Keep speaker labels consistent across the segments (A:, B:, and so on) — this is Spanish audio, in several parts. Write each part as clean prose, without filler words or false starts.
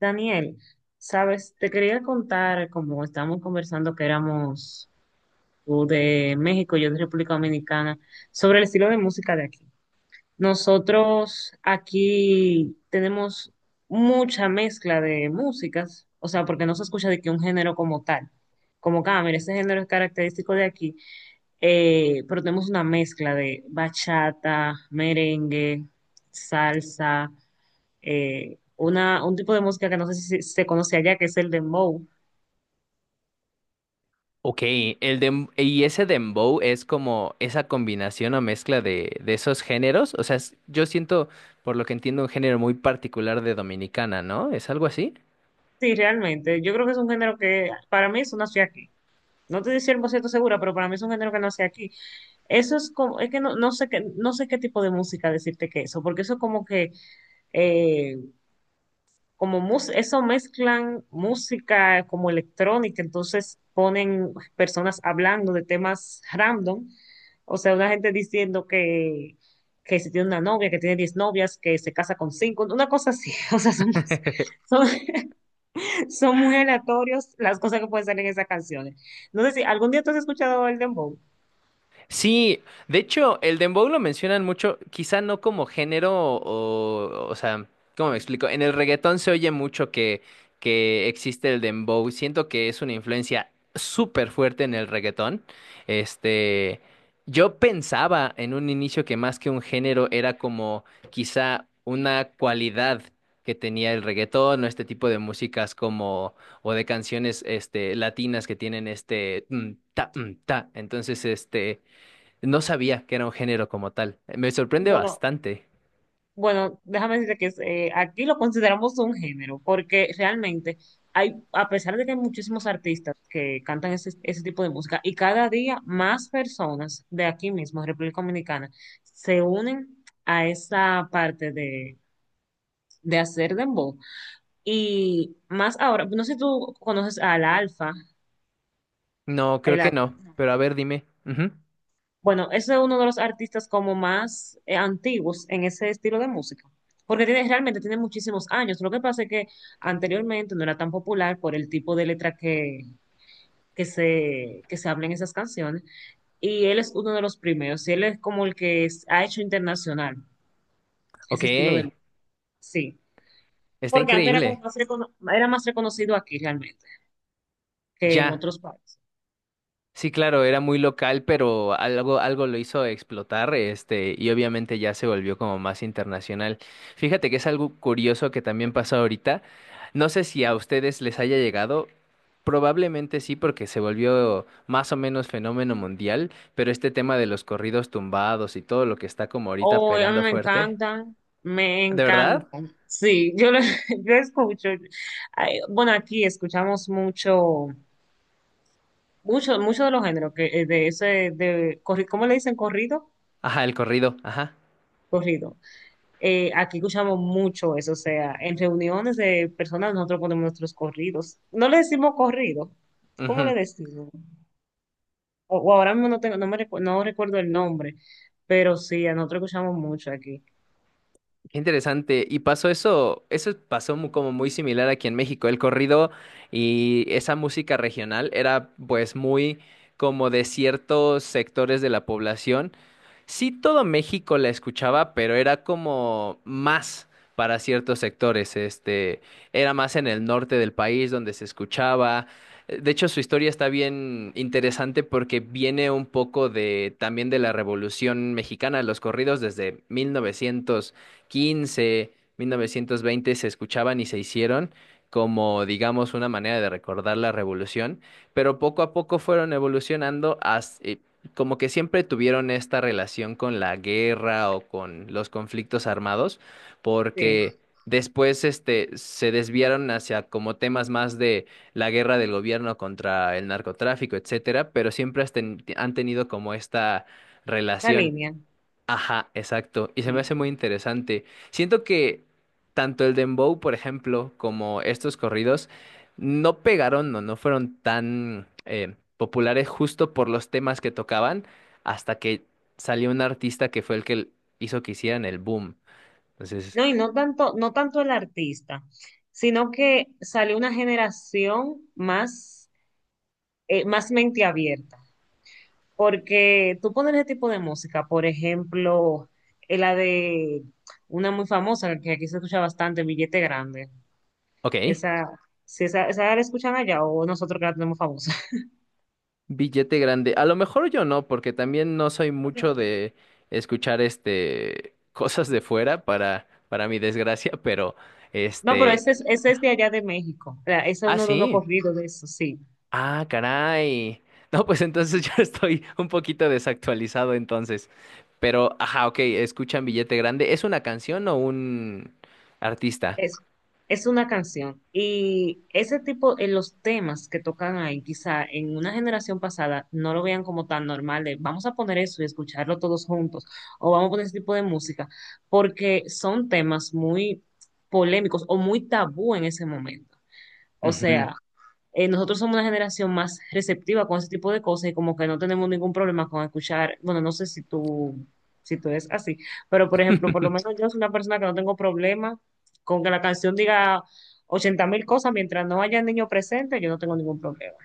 A: Daniel, sabes, te quería contar, como estábamos conversando que éramos tú de México, yo de República Dominicana, sobre el estilo de música de aquí. Nosotros aquí tenemos mucha mezcla de músicas, o sea, porque no se escucha de que un género como tal, como que, ah, mira, este género es característico de aquí, pero tenemos una mezcla de bachata, merengue, salsa, una, un tipo de música que no sé si se conoce allá, que es el dembow.
B: Ok, y ese dembow es como esa combinación o mezcla de esos géneros. O sea, yo siento, por lo que entiendo, un género muy particular de Dominicana, ¿no? ¿Es algo así?
A: Sí, realmente, yo creo que es un género que para mí eso nació aquí. No te estoy 100% segura, pero para mí es un género que nació aquí. Eso es como, es que no, no sé qué tipo de música decirte que eso, porque eso es como que eh, como mus- eso mezclan música como electrónica, entonces ponen personas hablando de temas random. O sea, una gente diciendo que se tiene una novia, que tiene 10 novias, que se casa con cinco, una cosa así, o sea, son, cosas- son, son muy aleatorios las cosas que pueden salir en esas canciones. No sé si algún día tú has escuchado el dembow.
B: Sí, de hecho, el dembow lo mencionan mucho, quizá no como género o sea, ¿cómo me explico? En el reggaetón se oye mucho que existe el dembow. Siento que es una influencia súper fuerte en el reggaetón. Este, yo pensaba en un inicio que más que un género era como quizá una cualidad que tenía el reggaetón o este tipo de músicas como o de canciones este latinas que tienen este mm, ta mm, ta. Entonces, este no sabía que era un género como tal. Me sorprende
A: Bueno,
B: bastante.
A: Bueno, déjame decirte que es, aquí lo consideramos un género, porque realmente hay, a pesar de que hay muchísimos artistas que cantan ese tipo de música, y cada día más personas de aquí mismo, República Dominicana, se unen a esa parte de hacer dembow. Y más ahora, no sé si tú conoces al Alfa,
B: No, creo
A: el…
B: que no. Pero a ver, dime. Ujú.
A: Bueno, ese es uno de los artistas como más antiguos en ese estilo de música, porque tiene, realmente tiene muchísimos años. Lo que pasa es que anteriormente no era tan popular por el tipo de letra que, que se habla en esas canciones, y él es uno de los primeros, y él es como el que es- ha hecho internacional
B: Ok,
A: ese estilo de música, sí,
B: está
A: porque antes era como
B: increíble.
A: más recono- era más reconocido aquí realmente que en
B: Ya.
A: otros países.
B: Sí, claro, era muy local, pero algo, algo lo hizo explotar, este, y obviamente ya se volvió como más internacional. Fíjate que es algo curioso que también pasó ahorita. No sé si a ustedes les haya llegado. Probablemente sí, porque se volvió más o menos fenómeno mundial, pero este tema de los corridos tumbados y todo lo que está como ahorita
A: Oh, a mí
B: pegando
A: me
B: fuerte.
A: encantan, me
B: ¿De verdad?
A: encantan. Sí, yo lo, yo escucho. Ay, bueno, aquí escuchamos mucho, mucho de los géneros que de ese, de corri- ¿cómo le dicen? ¿Corrido?
B: Ajá, el corrido, ajá.
A: Corrido. Aquí escuchamos mucho eso, o sea, en reuniones de personas nosotros ponemos nuestros corridos. No le decimos corrido, ¿cómo le
B: Ujú.
A: decimos? O ahora mismo no tengo, no me recu- no recuerdo el nombre, pero sí, a nosotros escuchamos mucho aquí.
B: Qué interesante. Y pasó eso, eso pasó como muy similar aquí en México. El corrido y esa música regional era pues muy como de ciertos sectores de la población. Sí, todo México la escuchaba, pero era como más para ciertos sectores. Este, era más en el norte del país donde se escuchaba. De hecho, su historia está bien interesante porque viene un poco de también de la Revolución Mexicana, los corridos desde 1915, 1920 se escuchaban y se hicieron como, digamos, una manera de recordar la revolución, pero poco a poco fueron evolucionando como que siempre tuvieron esta relación con la guerra o con los conflictos armados,
A: Sí,
B: porque después este se desviaron hacia como temas más de la guerra del gobierno contra el narcotráfico, etcétera, pero siempre han tenido como esta
A: esa
B: relación.
A: línea.
B: Ajá, exacto. Y se me
A: Sí.
B: hace muy interesante. Siento que tanto el dembow, por ejemplo, como estos corridos no pegaron o no fueron tan populares justo por los temas que tocaban hasta que salió un artista que fue el que hizo que hicieran el boom. Entonces,
A: No, y no tanto, no tanto el artista, sino que salió una generación más, más mente abierta. Porque tú pones ese tipo de música, por ejemplo, la de una muy famosa que aquí se escucha bastante, Billete Grande.
B: ok,
A: Esa, si esa, esa la escuchan allá o nosotros que la tenemos famosa.
B: billete grande. A lo mejor yo no, porque también no soy mucho
A: No,
B: de escuchar este cosas de fuera para mi desgracia, pero
A: No, pero
B: este...
A: ese es de allá de México. O sea, ese es
B: Ah,
A: uno de unos
B: sí.
A: corridos de eso, sí.
B: Ah, caray. No, pues entonces yo estoy un poquito desactualizado entonces. Pero, ajá, ok, escuchan Billete Grande. ¿Es una canción o un artista?
A: Es, es una canción. Y ese tipo, en los temas que tocan ahí, quizá en una generación pasada no lo vean como tan normal de vamos a poner eso y escucharlo todos juntos, o vamos a poner ese tipo de música, porque son temas muy polémicos o muy tabú en ese momento. O
B: Ujú.
A: sea, nosotros somos una generación más receptiva con ese tipo de cosas y como que no tenemos ningún problema con escuchar, bueno, no sé si tú, es así, pero por ejemplo, por lo menos yo soy una persona que no tengo problema con que la canción diga 80 mil cosas mientras no haya niño presente, yo no tengo ningún problema.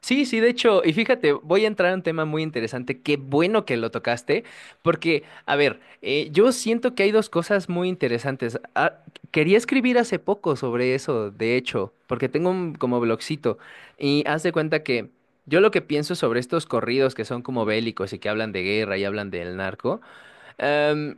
B: Sí, sí, de hecho, y fíjate, voy a entrar a un tema muy interesante, qué bueno que lo tocaste, porque, a ver, yo siento que hay dos cosas muy interesantes. Ah, quería escribir hace poco sobre eso, de hecho, porque tengo un como blogcito, y haz de cuenta que yo lo que pienso sobre estos corridos que son como bélicos y que hablan de guerra y hablan del narco, em,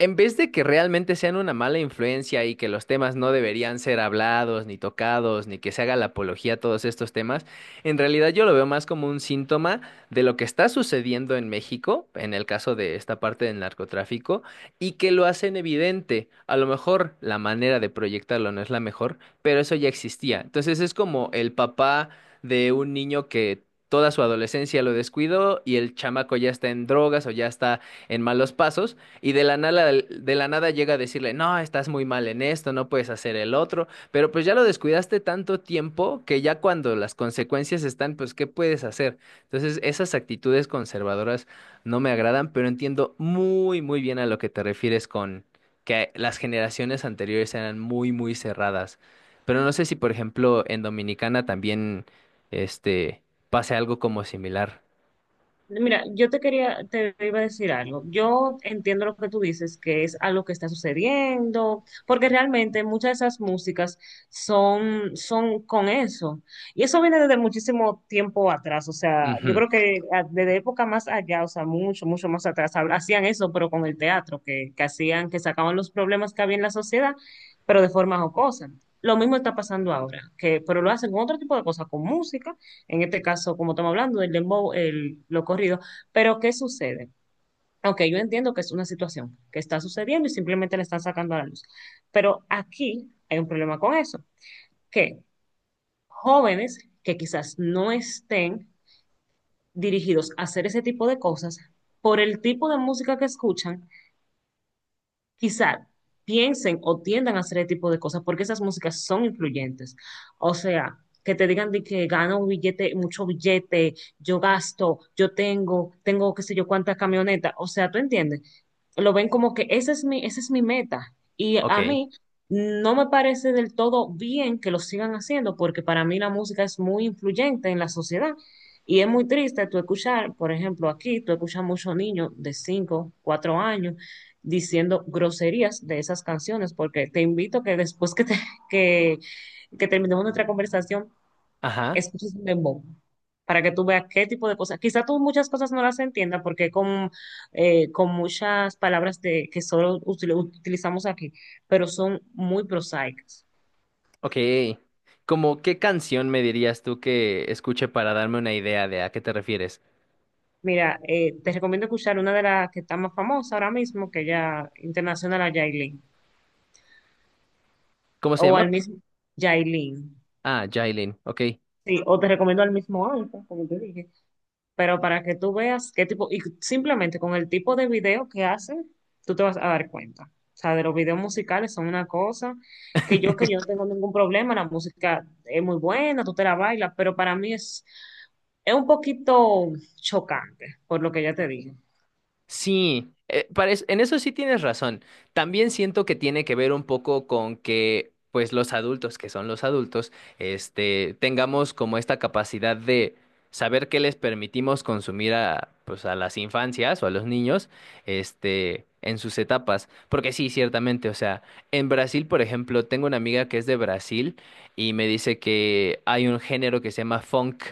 B: en vez de que realmente sean una mala influencia y que los temas no deberían ser hablados, ni tocados, ni que se haga la apología a todos estos temas, en realidad yo lo veo más como un síntoma de lo que está sucediendo en México, en el caso de esta parte del narcotráfico, y que lo hacen evidente. A lo mejor la manera de proyectarlo no es la mejor, pero eso ya existía. Entonces es como el papá de un niño que... Toda su adolescencia lo descuidó y el chamaco ya está en drogas o ya está en malos pasos y de la nada llega a decirle, no, estás muy mal en esto, no puedes hacer el otro, pero pues ya lo descuidaste tanto tiempo que ya cuando las consecuencias están, pues, ¿qué puedes hacer? Entonces, esas actitudes conservadoras no me agradan, pero entiendo muy, muy bien a lo que te refieres con que las generaciones anteriores eran muy, muy cerradas. Pero no sé si, por ejemplo, en Dominicana también, este, pase algo como similar.
A: Mira, te iba a decir algo. Yo entiendo lo que tú dices, que es algo que está sucediendo, porque realmente muchas de esas músicas son, son con eso. Y eso viene desde muchísimo tiempo atrás. O sea, yo
B: Ujú,
A: creo que a- desde época más allá, o sea, mucho, mucho más atrás, hab- hacían eso, pero con el teatro, que hacían, que sacaban los problemas que había en la sociedad, pero de forma jocosa. Lo mismo está pasando ahora, que, pero lo hacen con otro tipo de cosas, con música en este caso, como estamos hablando, el dembow, el, lo corrido, pero ¿qué sucede? Ok, yo entiendo que es una situación que está sucediendo y simplemente la están sacando a la luz, pero aquí hay un problema con eso, que jóvenes que quizás no estén dirigidos a hacer ese tipo de cosas, por el tipo de música que escuchan, quizá piensen o tiendan a hacer ese tipo de cosas porque esas músicas son influyentes. O sea, que te digan de que gano billete, mucho billete, yo gasto, tengo qué sé yo cuántas camionetas. O sea, ¿tú entiendes? Lo ven como que esa es mi meta. Y a
B: ok.
A: mí no me parece del todo bien que lo sigan haciendo porque para mí la música es muy influyente en la sociedad. Y es muy triste tú escuchar, por ejemplo, aquí tú escuchas muchos niños de 5 4 años diciendo groserías de esas canciones, porque te invito que después que, que terminemos nuestra conversación,
B: Ajá.
A: escuches un dembow para que tú veas qué tipo de cosas. Quizá tú muchas cosas no las entiendas porque con muchas palabras de, que solo util- utilizamos aquí, pero son muy prosaicas.
B: Ok. ¿Como qué canción me dirías tú que escuche para darme una idea de a qué te refieres?
A: Mira, te recomiendo escuchar una de las que está más famosa ahora mismo, que ya internacional a Yailin,
B: ¿Cómo se
A: o al
B: llama?
A: mismo Yailin.
B: Ah, Jailin. Ok.
A: Sí, o te recomiendo al mismo Alfa, como te dije. Pero para que tú veas qué tipo, y simplemente con el tipo de video que hacen, tú te vas a dar cuenta. O sea, de los videos musicales son una cosa que yo no tengo ningún problema, la música es muy buena, tú te la bailas, pero para mí es un poquito chocante, por lo que ya te dije.
B: Sí, en eso sí tienes razón. También siento que tiene que ver un poco con que, pues, los adultos, que son los adultos, este, tengamos como esta capacidad de saber qué les permitimos consumir a, pues, a las infancias o a los niños, este, en sus etapas. Porque sí, ciertamente, o sea, en Brasil, por ejemplo, tengo una amiga que es de Brasil y me dice que hay un género que se llama funk,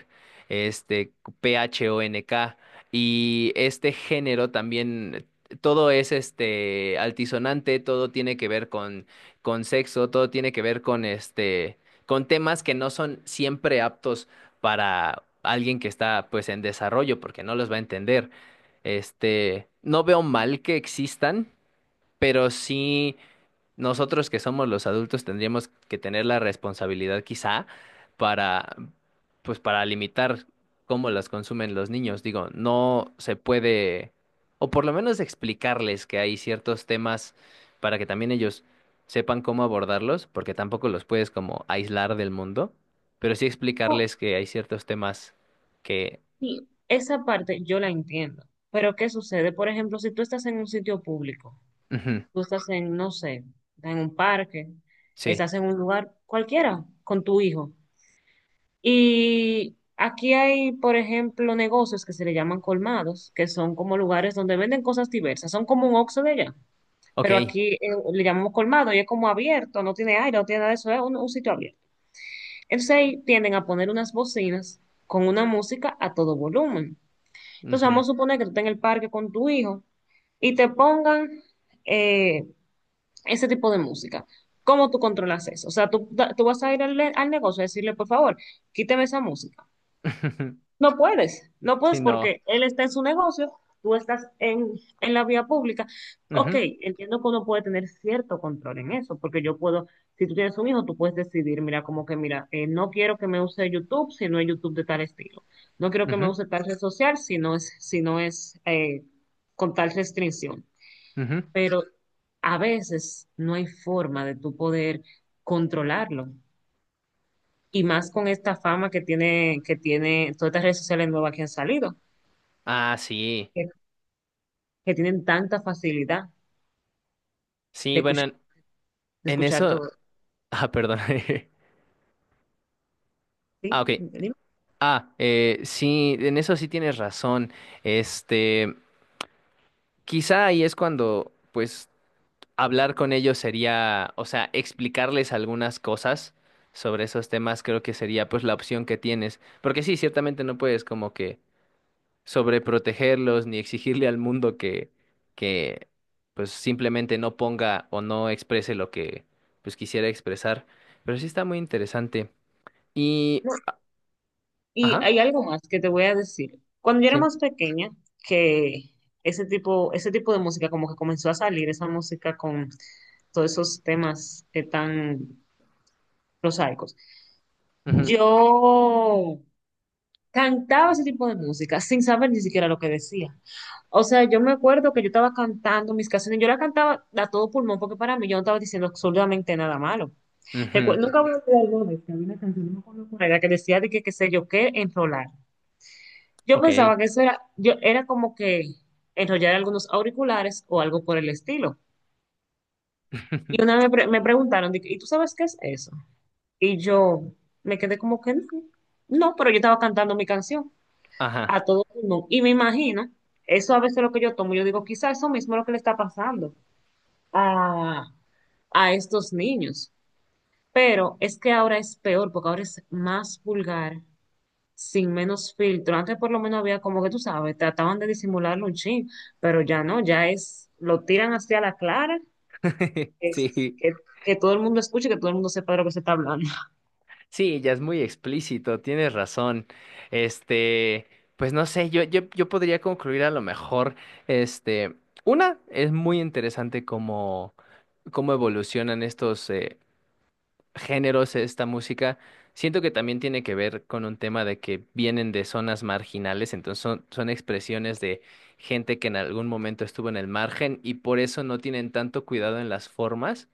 B: este, P-H-O-N-K. Y este género también, todo es este altisonante, todo tiene que ver con sexo, todo tiene que ver con este, con temas que no son siempre aptos para alguien que está pues en desarrollo, porque no los va a entender. Este, no veo mal que existan, pero sí nosotros que somos los adultos tendríamos que tener la responsabilidad quizá para, pues para limitar cómo las consumen los niños. Digo, no se puede, o por lo menos explicarles que hay ciertos temas para que también ellos sepan cómo abordarlos, porque tampoco los puedes como aislar del mundo, pero sí
A: Oh,
B: explicarles que hay ciertos temas que,
A: sí, esa parte yo la entiendo, pero ¿qué sucede? Por ejemplo, si tú estás en un sitio público,
B: ujú,
A: tú estás en, no sé, en un parque,
B: sí,
A: estás en un lugar cualquiera con tu hijo. Y aquí hay, por ejemplo, negocios que se le llaman colmados, que son como lugares donde venden cosas diversas. Son como un Oxxo de allá,
B: ok,
A: pero aquí le llamamos colmado y es como abierto, no tiene aire, no tiene nada de eso, es un sitio abierto. Entonces ahí tienden a poner unas bocinas con una música a todo volumen. Entonces
B: ujú,
A: vamos a suponer que tú estás en el parque con tu hijo y te pongan eh, ese tipo de música. ¿Cómo tú controlas eso? O sea, tú vas a ir al, al negocio a decirle, por favor, quíteme esa música. No puedes, no
B: sí,
A: puedes
B: no,
A: porque él está en su negocio, tú estás en la vía pública. Ok,
B: ujú,
A: entiendo que uno puede tener cierto control en eso, porque yo puedo, si tú tienes un hijo, tú puedes decidir, mira, como que, mira, no quiero que me use YouTube si no es YouTube de tal estilo. No quiero que me
B: ujú,
A: use tal red social si no es, con tal restricción.
B: ujú.
A: Pero a veces no hay forma de tú poder controlarlo. Y más con esta fama que tiene todas estas redes sociales nuevas que han salido,
B: Ah, sí.
A: que tienen tanta facilidad
B: Sí,
A: de
B: bueno,
A: escuchar, de
B: en
A: escuchar
B: eso.
A: todo.
B: Ah, perdón. Ah,
A: ¿Sí?
B: ok.
A: Dime.
B: Sí, en eso sí tienes razón. Este, quizá ahí es cuando, pues, hablar con ellos sería, o sea, explicarles algunas cosas sobre esos temas, creo que sería, pues, la opción que tienes. Porque sí, ciertamente no puedes como que sobreprotegerlos ni exigirle al mundo que, pues, simplemente no ponga o no exprese lo que, pues, quisiera expresar. Pero sí está muy interesante. Y,
A: No, y
B: ajá,
A: hay algo más que te voy a decir. Cuando yo era
B: sí.
A: más pequeña, que ese tipo de música como que comenzó a salir, esa música con todos esos temas tan prosaicos.
B: Ujú,
A: Yo cantaba ese tipo de música sin saber ni siquiera lo que decía. O sea, yo me acuerdo que yo estaba cantando mis canciones, yo la cantaba a todo pulmón porque para mí yo no estaba diciendo absolutamente nada malo. Recu-
B: ujú,
A: Nunca voy a olvidar una vez que había una canción, no me acuerdo cuál era, que decía de que qué sé yo qué, enrolar. Yo pensaba
B: ok.
A: que eso era, yo, era como que enrollar algunos auriculares o algo por el estilo. Y una vez me preguntaron, de que, ¿y tú sabes qué es eso? Y yo me quedé como que no, no, pero yo estaba cantando mi canción
B: Ajá.
A: a todo mundo. Y me imagino, eso a veces lo que yo tomo, yo digo, quizá eso mismo es lo que le está pasando a, a estos niños. Pero es que ahora es peor, porque ahora es más vulgar sin menos filtro. Antes por lo menos había como que tú sabes, trataban de disimularlo un chin, pero ya no, ya es, lo tiran hacia la clara, es,
B: Sí,
A: que, que todo el mundo escuche, que todo el mundo sepa de lo que se está hablando.
B: sí, ya es muy explícito, tienes razón. Este, pues no sé, yo podría concluir a lo mejor, este, una, es muy interesante cómo, cómo evolucionan estos, géneros esta música. Siento que también tiene que ver con un tema de que vienen de zonas marginales, entonces son, son expresiones de gente que en algún momento estuvo en el margen y por eso no tienen tanto cuidado en las formas,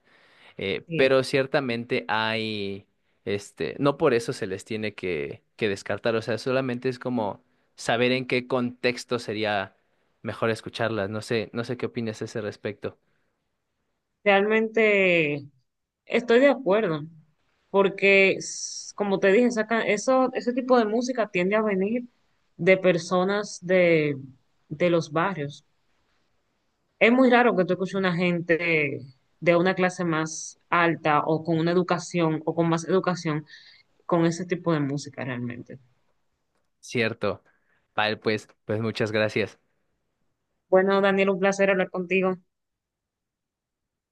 A: Bien.
B: pero ciertamente hay, este, no por eso se les tiene que descartar, o sea, solamente es como saber en qué contexto sería mejor escucharlas. No sé, no sé qué opinas a ese respecto.
A: Realmente estoy de acuerdo, porque s- como te dije, saca, eso, ese tipo de música tiende a venir de personas de los barrios. Es muy raro que tú escuches una gente de una clase más alta o con una educación o con más educación con ese tipo de música realmente.
B: Cierto. Vale, pues, pues muchas gracias.
A: Bueno, Daniel, un placer hablar contigo.